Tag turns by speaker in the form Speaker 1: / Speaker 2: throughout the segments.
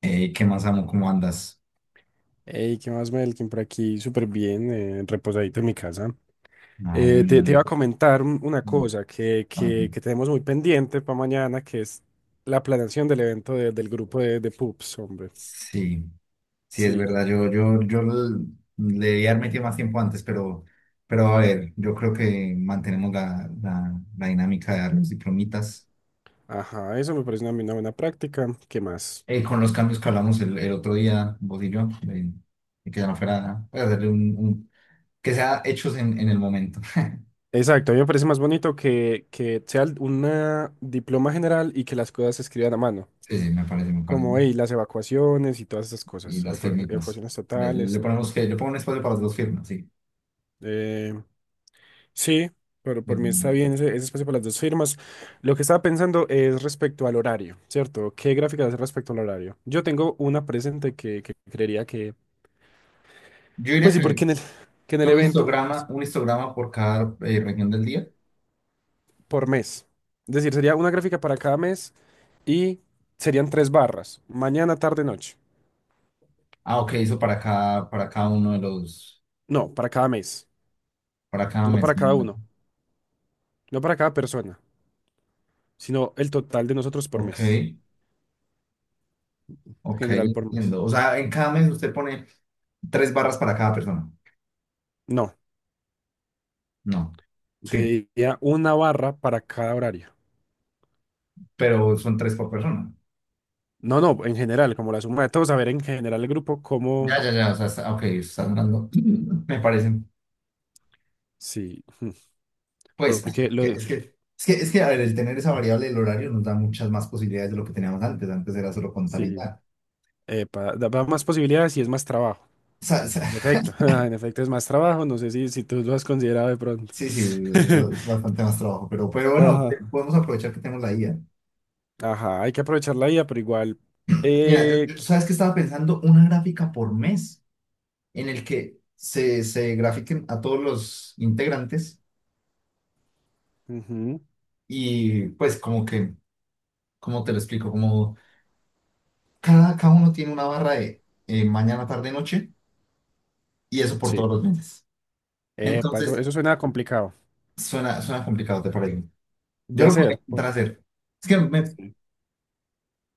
Speaker 1: ¿Qué más amo? ¿Cómo andas?
Speaker 2: Hey, ¿qué más, Melkin? Por aquí, súper bien, reposadito en mi casa.
Speaker 1: Ah,
Speaker 2: Te
Speaker 1: bueno.
Speaker 2: iba a comentar una
Speaker 1: Mm.
Speaker 2: cosa que,
Speaker 1: Ah,
Speaker 2: que, que tenemos muy pendiente para mañana, que es la planeación del evento del grupo de pups, hombre.
Speaker 1: sí, sí, es
Speaker 2: Sí,
Speaker 1: verdad. Yo l- le debía haber metido más tiempo antes, pero a ver, yo creo que mantenemos la dinámica de dar los diplomitas.
Speaker 2: ajá, eso me parece una buena práctica. ¿Qué más?
Speaker 1: Con los cambios que hablamos el otro día, vos y yo, de que ya no fuera, nada, pues, hacerle un- que sea hechos en el momento.
Speaker 2: Exacto, a mí me parece más bonito que sea un diploma general y que las cosas se escriban a mano,
Speaker 1: Sí, sí, me parece.
Speaker 2: como hey, las evacuaciones y todas esas
Speaker 1: Y
Speaker 2: cosas, o
Speaker 1: las firmitas.
Speaker 2: evacuaciones
Speaker 1: Le
Speaker 2: totales, todo.
Speaker 1: ponemos que, le pongo un espacio para las dos firmas, sí.
Speaker 2: Eh, Sí, pero
Speaker 1: Bien,
Speaker 2: por mí
Speaker 1: bien,
Speaker 2: está
Speaker 1: bien.
Speaker 2: bien ese, ese espacio para las dos firmas. Lo que estaba pensando es respecto al horario, ¿cierto? ¿Qué gráfica hacer respecto al horario? Yo tengo una presente que creería que,
Speaker 1: Yo diría
Speaker 2: pues sí, porque
Speaker 1: que
Speaker 2: en que en el
Speaker 1: creo
Speaker 2: evento es
Speaker 1: un histograma por cada región del día.
Speaker 2: por mes. Es decir, sería una gráfica para cada mes y serían tres barras, mañana, tarde, noche.
Speaker 1: Ah, ok, eso para cada uno de los,
Speaker 2: No, para cada mes,
Speaker 1: para cada
Speaker 2: no
Speaker 1: mes.
Speaker 2: para cada uno, no para cada persona, sino el total de nosotros por
Speaker 1: Ok,
Speaker 2: mes,
Speaker 1: ok,
Speaker 2: general por mes.
Speaker 1: entiendo. O sea, en cada mes usted pone tres barras para cada persona.
Speaker 2: No,
Speaker 1: No, sí,
Speaker 2: diría una barra para cada horario.
Speaker 1: pero son tres por persona.
Speaker 2: No, no, en general, como la suma de todos, a ver en general el grupo cómo,
Speaker 1: Ya, ya, ya, o sea, está- ok, está hablando. Me parece,
Speaker 2: sí,
Speaker 1: pues,
Speaker 2: porque lo,
Speaker 1: es que, es que, a ver, el tener esa variable del horario nos da muchas más posibilidades de lo que teníamos antes. Antes era solo contar y
Speaker 2: sí,
Speaker 1: ya.
Speaker 2: epa, da, da más posibilidades y es más trabajo.
Speaker 1: O sea,
Speaker 2: En efecto, en efecto es más trabajo, no sé si tú lo has considerado de pronto.
Speaker 1: sí, sí, es bastante más trabajo, pero bueno,
Speaker 2: Ajá.
Speaker 1: te- podemos aprovechar que tenemos la IA.
Speaker 2: Ajá, hay que aprovechar la IA, pero igual,
Speaker 1: Mira,
Speaker 2: eh, qui-
Speaker 1: sabes que estaba pensando una gráfica por mes en el que se grafiquen a todos los integrantes
Speaker 2: ujú,
Speaker 1: y pues como que, ¿cómo te lo explico? Como cada uno tiene una barra de mañana, tarde, noche y eso por
Speaker 2: sí,
Speaker 1: todos los meses.
Speaker 2: epa, eso,
Speaker 1: Entonces,
Speaker 2: eso suena complicado
Speaker 1: suena complicado, ¿te parece?
Speaker 2: de
Speaker 1: Yo lo podría
Speaker 2: hacer.
Speaker 1: intentar hacer. Es que me,
Speaker 2: Sí,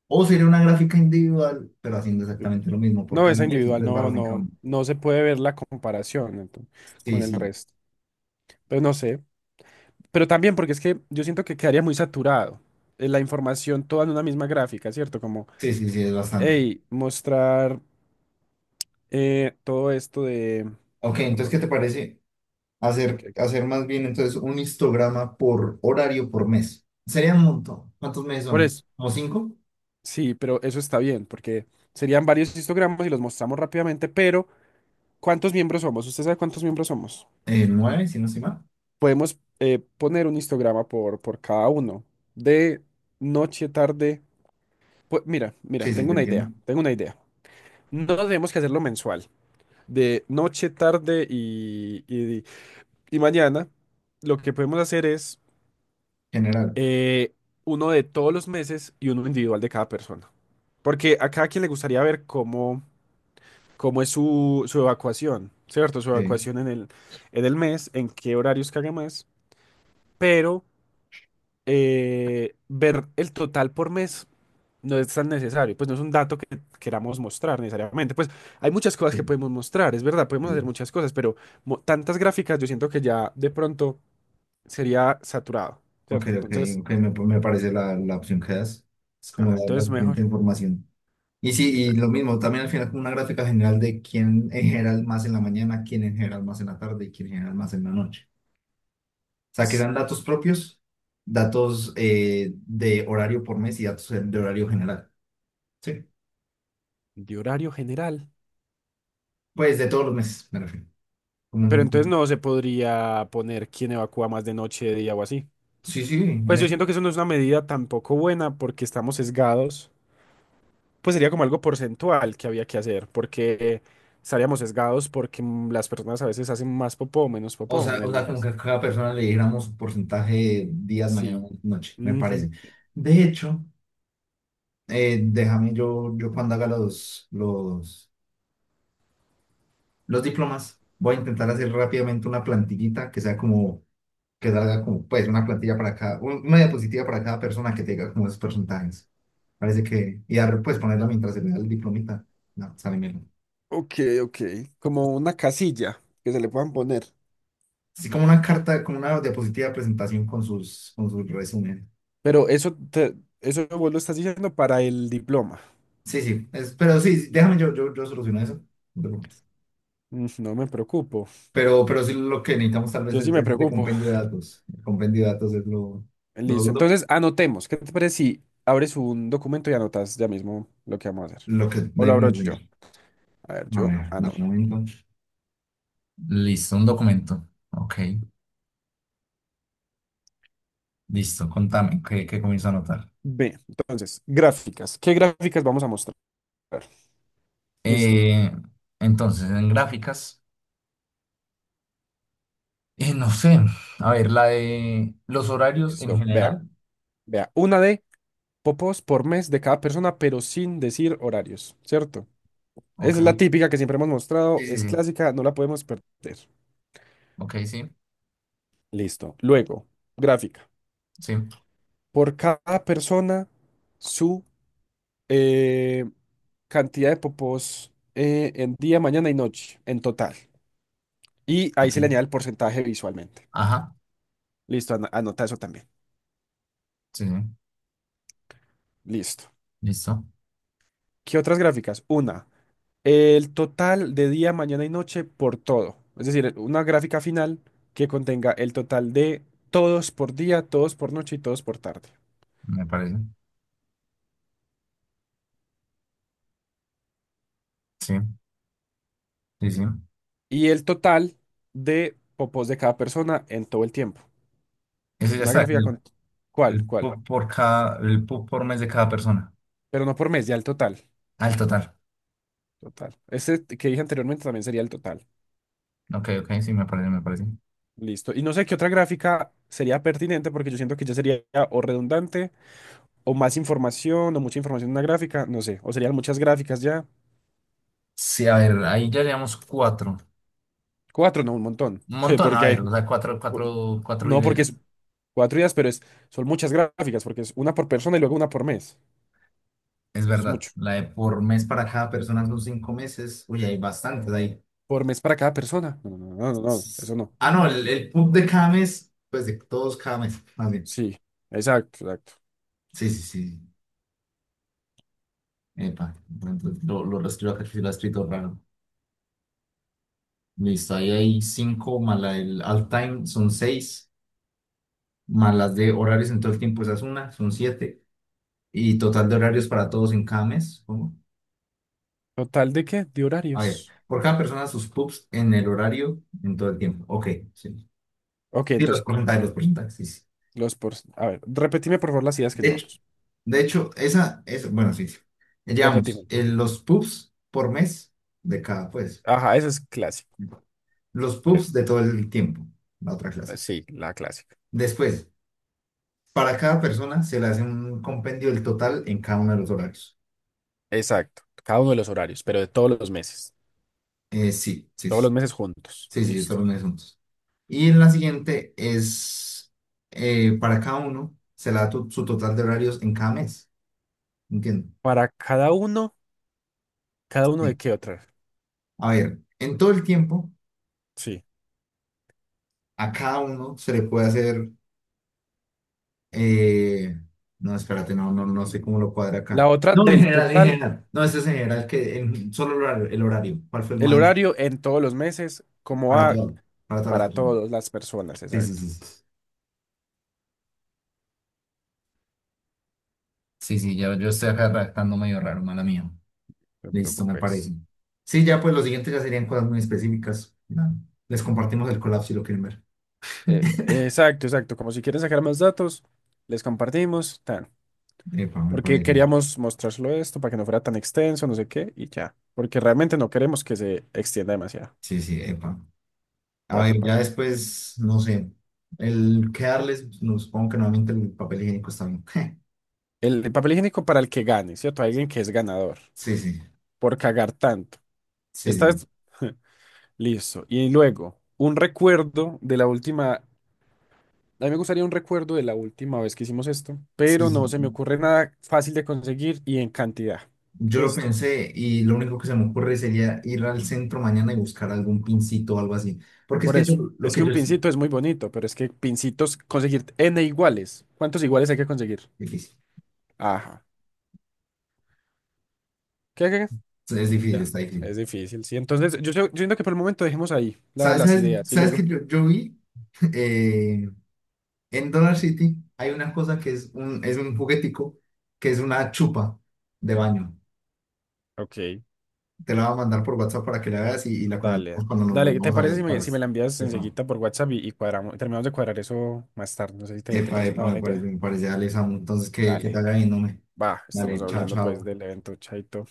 Speaker 1: o sería una gráfica individual, pero haciendo
Speaker 2: sí.
Speaker 1: exactamente lo mismo por
Speaker 2: No,
Speaker 1: cada
Speaker 2: esa
Speaker 1: mes,
Speaker 2: individual
Speaker 1: tres
Speaker 2: no,
Speaker 1: barras en cada
Speaker 2: no,
Speaker 1: uno.
Speaker 2: no se puede ver la comparación
Speaker 1: Sí,
Speaker 2: con el
Speaker 1: sí,
Speaker 2: resto. Pero no sé. Pero también porque es que yo siento que quedaría muy saturado la información toda en una misma gráfica, ¿cierto? Como,
Speaker 1: sí, sí, sí, es bastante.
Speaker 2: hey, mostrar todo esto de...
Speaker 1: Ok, entonces, ¿qué
Speaker 2: Perdón,
Speaker 1: te parece hacer,
Speaker 2: ¿qué?
Speaker 1: hacer más bien entonces un histograma por horario por mes? Sería un montón. ¿Cuántos meses
Speaker 2: Por
Speaker 1: son?
Speaker 2: eso,
Speaker 1: ¿Como cinco?
Speaker 2: sí, pero eso está bien, porque serían varios histogramas y los mostramos rápidamente, pero ¿cuántos miembros somos? ¿Usted sabe cuántos miembros somos?
Speaker 1: ¿Nueve, si no estoy mal?
Speaker 2: Podemos poner un histograma por cada uno, de noche, tarde. Pues, mira, mira,
Speaker 1: Sí, sí,
Speaker 2: tengo
Speaker 1: te
Speaker 2: una
Speaker 1: entiendo.
Speaker 2: idea, tengo una idea. No tenemos que hacerlo mensual. De noche, tarde y mañana, lo que podemos hacer es
Speaker 1: General.
Speaker 2: eh, uno de todos los meses y uno individual de cada persona. Porque a cada quien le gustaría ver cómo, cómo es su, su evacuación, ¿cierto? Su
Speaker 1: Sí,
Speaker 2: evacuación en el mes, en qué horarios caga más, pero ver el total por mes no es tan necesario, pues no es un dato que queramos mostrar necesariamente. Pues hay muchas cosas que
Speaker 1: sí,
Speaker 2: podemos mostrar, es verdad, podemos hacer
Speaker 1: sí.
Speaker 2: muchas cosas, pero tantas gráficas yo siento que ya de pronto sería saturado,
Speaker 1: Ok,
Speaker 2: ¿cierto?
Speaker 1: ok,
Speaker 2: Entonces,
Speaker 1: ok, me parece la opción que das. Es como
Speaker 2: ajá,
Speaker 1: la,
Speaker 2: entonces
Speaker 1: la siguiente
Speaker 2: mejor.
Speaker 1: información. Y sí,
Speaker 2: Sí,
Speaker 1: y lo
Speaker 2: exacto.
Speaker 1: mismo, también al final como una gráfica general de quién en general más en la mañana, quién en general más en la tarde y quién en general más en la noche. O sea, que
Speaker 2: S-
Speaker 1: sean datos propios, datos de horario por mes y datos de horario general. Sí.
Speaker 2: De horario general.
Speaker 1: Pues de todos los meses, me refiero. Como
Speaker 2: Pero entonces
Speaker 1: un-
Speaker 2: no se podría poner quién evacúa más de noche, de día o así.
Speaker 1: sí, sí, en
Speaker 2: Pues yo
Speaker 1: eso.
Speaker 2: siento que eso no es una medida tampoco buena porque estamos sesgados, pues sería como algo porcentual que había que hacer, porque estaríamos sesgados porque las personas a veces hacen más popó o menos popó en
Speaker 1: O
Speaker 2: el
Speaker 1: sea, como que
Speaker 2: mes.
Speaker 1: a cada persona le diéramos un porcentaje de días, mañana,
Speaker 2: Sí.
Speaker 1: noche, me parece.
Speaker 2: Ujú.
Speaker 1: De hecho, déjame yo cuando haga los diplomas, voy a intentar hacer rápidamente una plantillita que sea como que salga como, pues, una plantilla para cada, un- una diapositiva para cada persona que tenga como esos porcentajes. Parece que, y dar, pues, ponerla mientras se le da el diplomita. No, sale bien.
Speaker 2: Ok, ok. Como una casilla que se le puedan poner.
Speaker 1: Así como una carta, como una diapositiva de presentación con sus resumen.
Speaker 2: Pero eso, eso vos lo estás diciendo para el diploma.
Speaker 1: Sí, sí, es- pero sí, déjame yo soluciono eso. No te preocupes.
Speaker 2: Mm, no me preocupo.
Speaker 1: Pero sí lo que necesitamos tal vez
Speaker 2: Yo sí
Speaker 1: es,
Speaker 2: me
Speaker 1: es de
Speaker 2: preocupo.
Speaker 1: compendio de datos. El compendio de datos es lo
Speaker 2: Listo.
Speaker 1: duro,
Speaker 2: Entonces, anotemos. ¿Qué te parece si abres un documento y anotas ya mismo lo que vamos a hacer?
Speaker 1: lo que
Speaker 2: O lo
Speaker 1: debemos
Speaker 2: abro yo.
Speaker 1: hacer.
Speaker 2: A ver,
Speaker 1: A
Speaker 2: yo
Speaker 1: ver, dame
Speaker 2: anoto.
Speaker 1: un momento. Listo, un documento. Ok, listo, contame, que comienzo a anotar.
Speaker 2: Ve, entonces, gráficas. ¿Qué gráficas vamos a mostrar? Listo,
Speaker 1: Eh, entonces, en gráficas, no sé, a ver, la de los horarios en
Speaker 2: listo. Vea,
Speaker 1: general,
Speaker 2: vea. Una de popos por mes de cada persona, pero sin decir horarios, ¿cierto?
Speaker 1: ok,
Speaker 2: Esa es la
Speaker 1: sí,
Speaker 2: típica que siempre hemos mostrado,
Speaker 1: sí,
Speaker 2: es
Speaker 1: sí,
Speaker 2: clásica, no la podemos perder.
Speaker 1: ok, sí,
Speaker 2: Listo. Luego, gráfica.
Speaker 1: sí,
Speaker 2: Por cada persona, su eh, cantidad de popos en día, mañana y noche, en total. Y ahí
Speaker 1: ok,
Speaker 2: se le añade el porcentaje visualmente.
Speaker 1: ajá,
Speaker 2: Listo, anota eso también.
Speaker 1: sí, sí,
Speaker 2: Listo.
Speaker 1: listo,
Speaker 2: ¿Qué otras gráficas? Una. El total de día, mañana y noche por todo. Es decir, una gráfica final que contenga el total de todos por día, todos por noche y todos por tarde.
Speaker 1: me parece, sí, sí, sí,
Speaker 2: Y el total de popos de cada persona en todo el tiempo.
Speaker 1: ese ya
Speaker 2: Una
Speaker 1: está,
Speaker 2: gráfica con... ¿Cuál?
Speaker 1: el
Speaker 2: ¿Cuál?
Speaker 1: PUB por cada, el PUB por mes de cada persona,
Speaker 2: Pero no por mes, ya el total.
Speaker 1: al total,
Speaker 2: Total. Este que dije anteriormente también sería el total.
Speaker 1: ok, ok, sí, me parece,
Speaker 2: Listo. Y no sé qué otra gráfica sería pertinente porque yo siento que ya sería o redundante o más información o mucha información en una gráfica, no sé. O serían muchas gráficas ya.
Speaker 1: sí, a ver, ahí ya llevamos cuatro,
Speaker 2: Cuatro, no, un montón.
Speaker 1: un montón, a
Speaker 2: Porque
Speaker 1: ver,
Speaker 2: hay.
Speaker 1: o sea, cuatro
Speaker 2: No, porque es
Speaker 1: ideas.
Speaker 2: cuatro días, pero es, son muchas gráficas, porque es una por persona y luego una por mes.
Speaker 1: Es
Speaker 2: Es
Speaker 1: verdad,
Speaker 2: mucho.
Speaker 1: la de por mes para cada persona son cinco meses. Uy, hay bastantes ahí.
Speaker 2: Por mes para cada persona. No, no, no, no, no, no, eso no.
Speaker 1: Ah, no, el PUB de cada mes, pues de todos cada mes, más bien.
Speaker 2: Sí, exacto, exacto.
Speaker 1: Sí, sí, sí. Epa, entonces lo reescribo acá, que lo ha escrito raro. Listo, ahí hay cinco, más la del all time son seis, más las de horarios en todo el tiempo, esa es una, son siete. Y total de horarios para todos en cada mes. ¿Cómo?
Speaker 2: ¿Total de qué? De
Speaker 1: A ver,
Speaker 2: horarios.
Speaker 1: por cada persona sus PUBs en el horario en todo el tiempo. Ok, sí.
Speaker 2: Ok,
Speaker 1: Sí,
Speaker 2: entonces,
Speaker 1: los porcentajes, sí, sí.
Speaker 2: los por. A ver, repetime por favor las ideas que
Speaker 1: De hecho,
Speaker 2: llevamos.
Speaker 1: De hecho, esa es, bueno, sí, sí. Llevamos
Speaker 2: Repetime.
Speaker 1: los pubs por mes de cada, pues,
Speaker 2: Ajá, eso es clásico.
Speaker 1: los
Speaker 2: Le-
Speaker 1: pubs de todo el tiempo, la otra clase.
Speaker 2: Sí, la clásica.
Speaker 1: Después, para cada persona se le hace un compendio del total en cada uno de los horarios.
Speaker 2: Exacto. Cada uno de los horarios, pero de todos los meses.
Speaker 1: Sí, sí,
Speaker 2: Todos
Speaker 1: sí,
Speaker 2: los meses juntos.
Speaker 1: sí, sí, todos
Speaker 2: Listo.
Speaker 1: los meses juntos. Y en la siguiente es, para cada uno se le da tu- su total de horarios en cada mes, ¿entiendes?
Speaker 2: Para ¿cada uno de
Speaker 1: Sí.
Speaker 2: qué otra?
Speaker 1: A ver, en todo el tiempo,
Speaker 2: Sí.
Speaker 1: a cada uno se le puede hacer Eh, no, espérate, no, no, no sé cómo lo cuadra
Speaker 2: La
Speaker 1: acá.
Speaker 2: otra
Speaker 1: No, en
Speaker 2: del
Speaker 1: general, en
Speaker 2: total,
Speaker 1: general. No, este es en general, que en solo el horario, el horario. ¿Cuál fue el
Speaker 2: el
Speaker 1: más
Speaker 2: horario en todos los meses, como
Speaker 1: para
Speaker 2: a
Speaker 1: todo, para todas las
Speaker 2: para
Speaker 1: personas?
Speaker 2: todas las personas,
Speaker 1: Sí, sí,
Speaker 2: exacto.
Speaker 1: sí, sí. Sí, sí, ya yo estoy acá redactando medio raro, mala mía.
Speaker 2: No te
Speaker 1: Listo, me parece.
Speaker 2: preocupes.
Speaker 1: Sí, ya pues los siguientes ya serían cosas muy específicas. Ya, les compartimos el colapso si lo quieren ver.
Speaker 2: Exacto, exacto. Como si quieren sacar más datos, les compartimos, tan.
Speaker 1: Epa, me
Speaker 2: Porque
Speaker 1: parece.
Speaker 2: queríamos mostrárselo esto para que no fuera tan extenso, no sé qué, y ya. Porque realmente no queremos que se extienda demasiado.
Speaker 1: Sí, sí, epa. A
Speaker 2: ¿Para qué
Speaker 1: ver, ya
Speaker 2: parte?
Speaker 1: después, no sé. El quedarles, no, supongo que nuevamente el papel higiénico está bien.
Speaker 2: El papel higiénico para el que gane, ¿cierto? Alguien que es ganador
Speaker 1: Sí, sí.
Speaker 2: por cagar tanto.
Speaker 1: Sí,
Speaker 2: Esta
Speaker 1: sí,
Speaker 2: es listo. Y luego, un recuerdo de la última. A mí me gustaría un recuerdo de la última vez que hicimos esto,
Speaker 1: sí,
Speaker 2: pero no se me
Speaker 1: sí.
Speaker 2: ocurre nada fácil de conseguir y en cantidad.
Speaker 1: Yo lo
Speaker 2: Listo.
Speaker 1: pensé y lo único que se me ocurre sería ir al centro mañana y buscar algún pincito o algo así. Porque es
Speaker 2: Por
Speaker 1: que yo,
Speaker 2: eso.
Speaker 1: lo
Speaker 2: Es
Speaker 1: que
Speaker 2: que un
Speaker 1: yo... sí,
Speaker 2: pincito es muy bonito, pero es que pincitos, conseguir n iguales. ¿Cuántos iguales hay que conseguir?
Speaker 1: difícil,
Speaker 2: Ajá. ¿Qué, qué?
Speaker 1: es
Speaker 2: qué?
Speaker 1: difícil,
Speaker 2: Ya.
Speaker 1: está difícil.
Speaker 2: Es difícil, sí. Entonces, yo, yo siento que por el momento dejemos ahí
Speaker 1: ¿Sabes,
Speaker 2: las
Speaker 1: sabes,
Speaker 2: ideas y
Speaker 1: sabes que
Speaker 2: luego.
Speaker 1: yo vi eh, en Dollar City hay una cosa que es un juguetico, que es una chupa de baño.
Speaker 2: Ok,
Speaker 1: Te la voy a mandar por WhatsApp para que la veas y la
Speaker 2: dale.
Speaker 1: comentemos cuando nos
Speaker 2: Dale, ¿te
Speaker 1: volvamos a
Speaker 2: parece
Speaker 1: ver.
Speaker 2: si me, si me
Speaker 1: Parece.
Speaker 2: la envías enseguida por WhatsApp y cuadramos, terminamos de cuadrar eso más tarde? No sé si te
Speaker 1: Epa,
Speaker 2: parece una
Speaker 1: epa, epa,
Speaker 2: buena idea.
Speaker 1: me parece, dale Alessandro. Entonces, que te
Speaker 2: Dale.
Speaker 1: haga bien, hombre.
Speaker 2: Bah, estamos
Speaker 1: Dale, chao,
Speaker 2: hablando pues
Speaker 1: chao.
Speaker 2: del evento Chaito.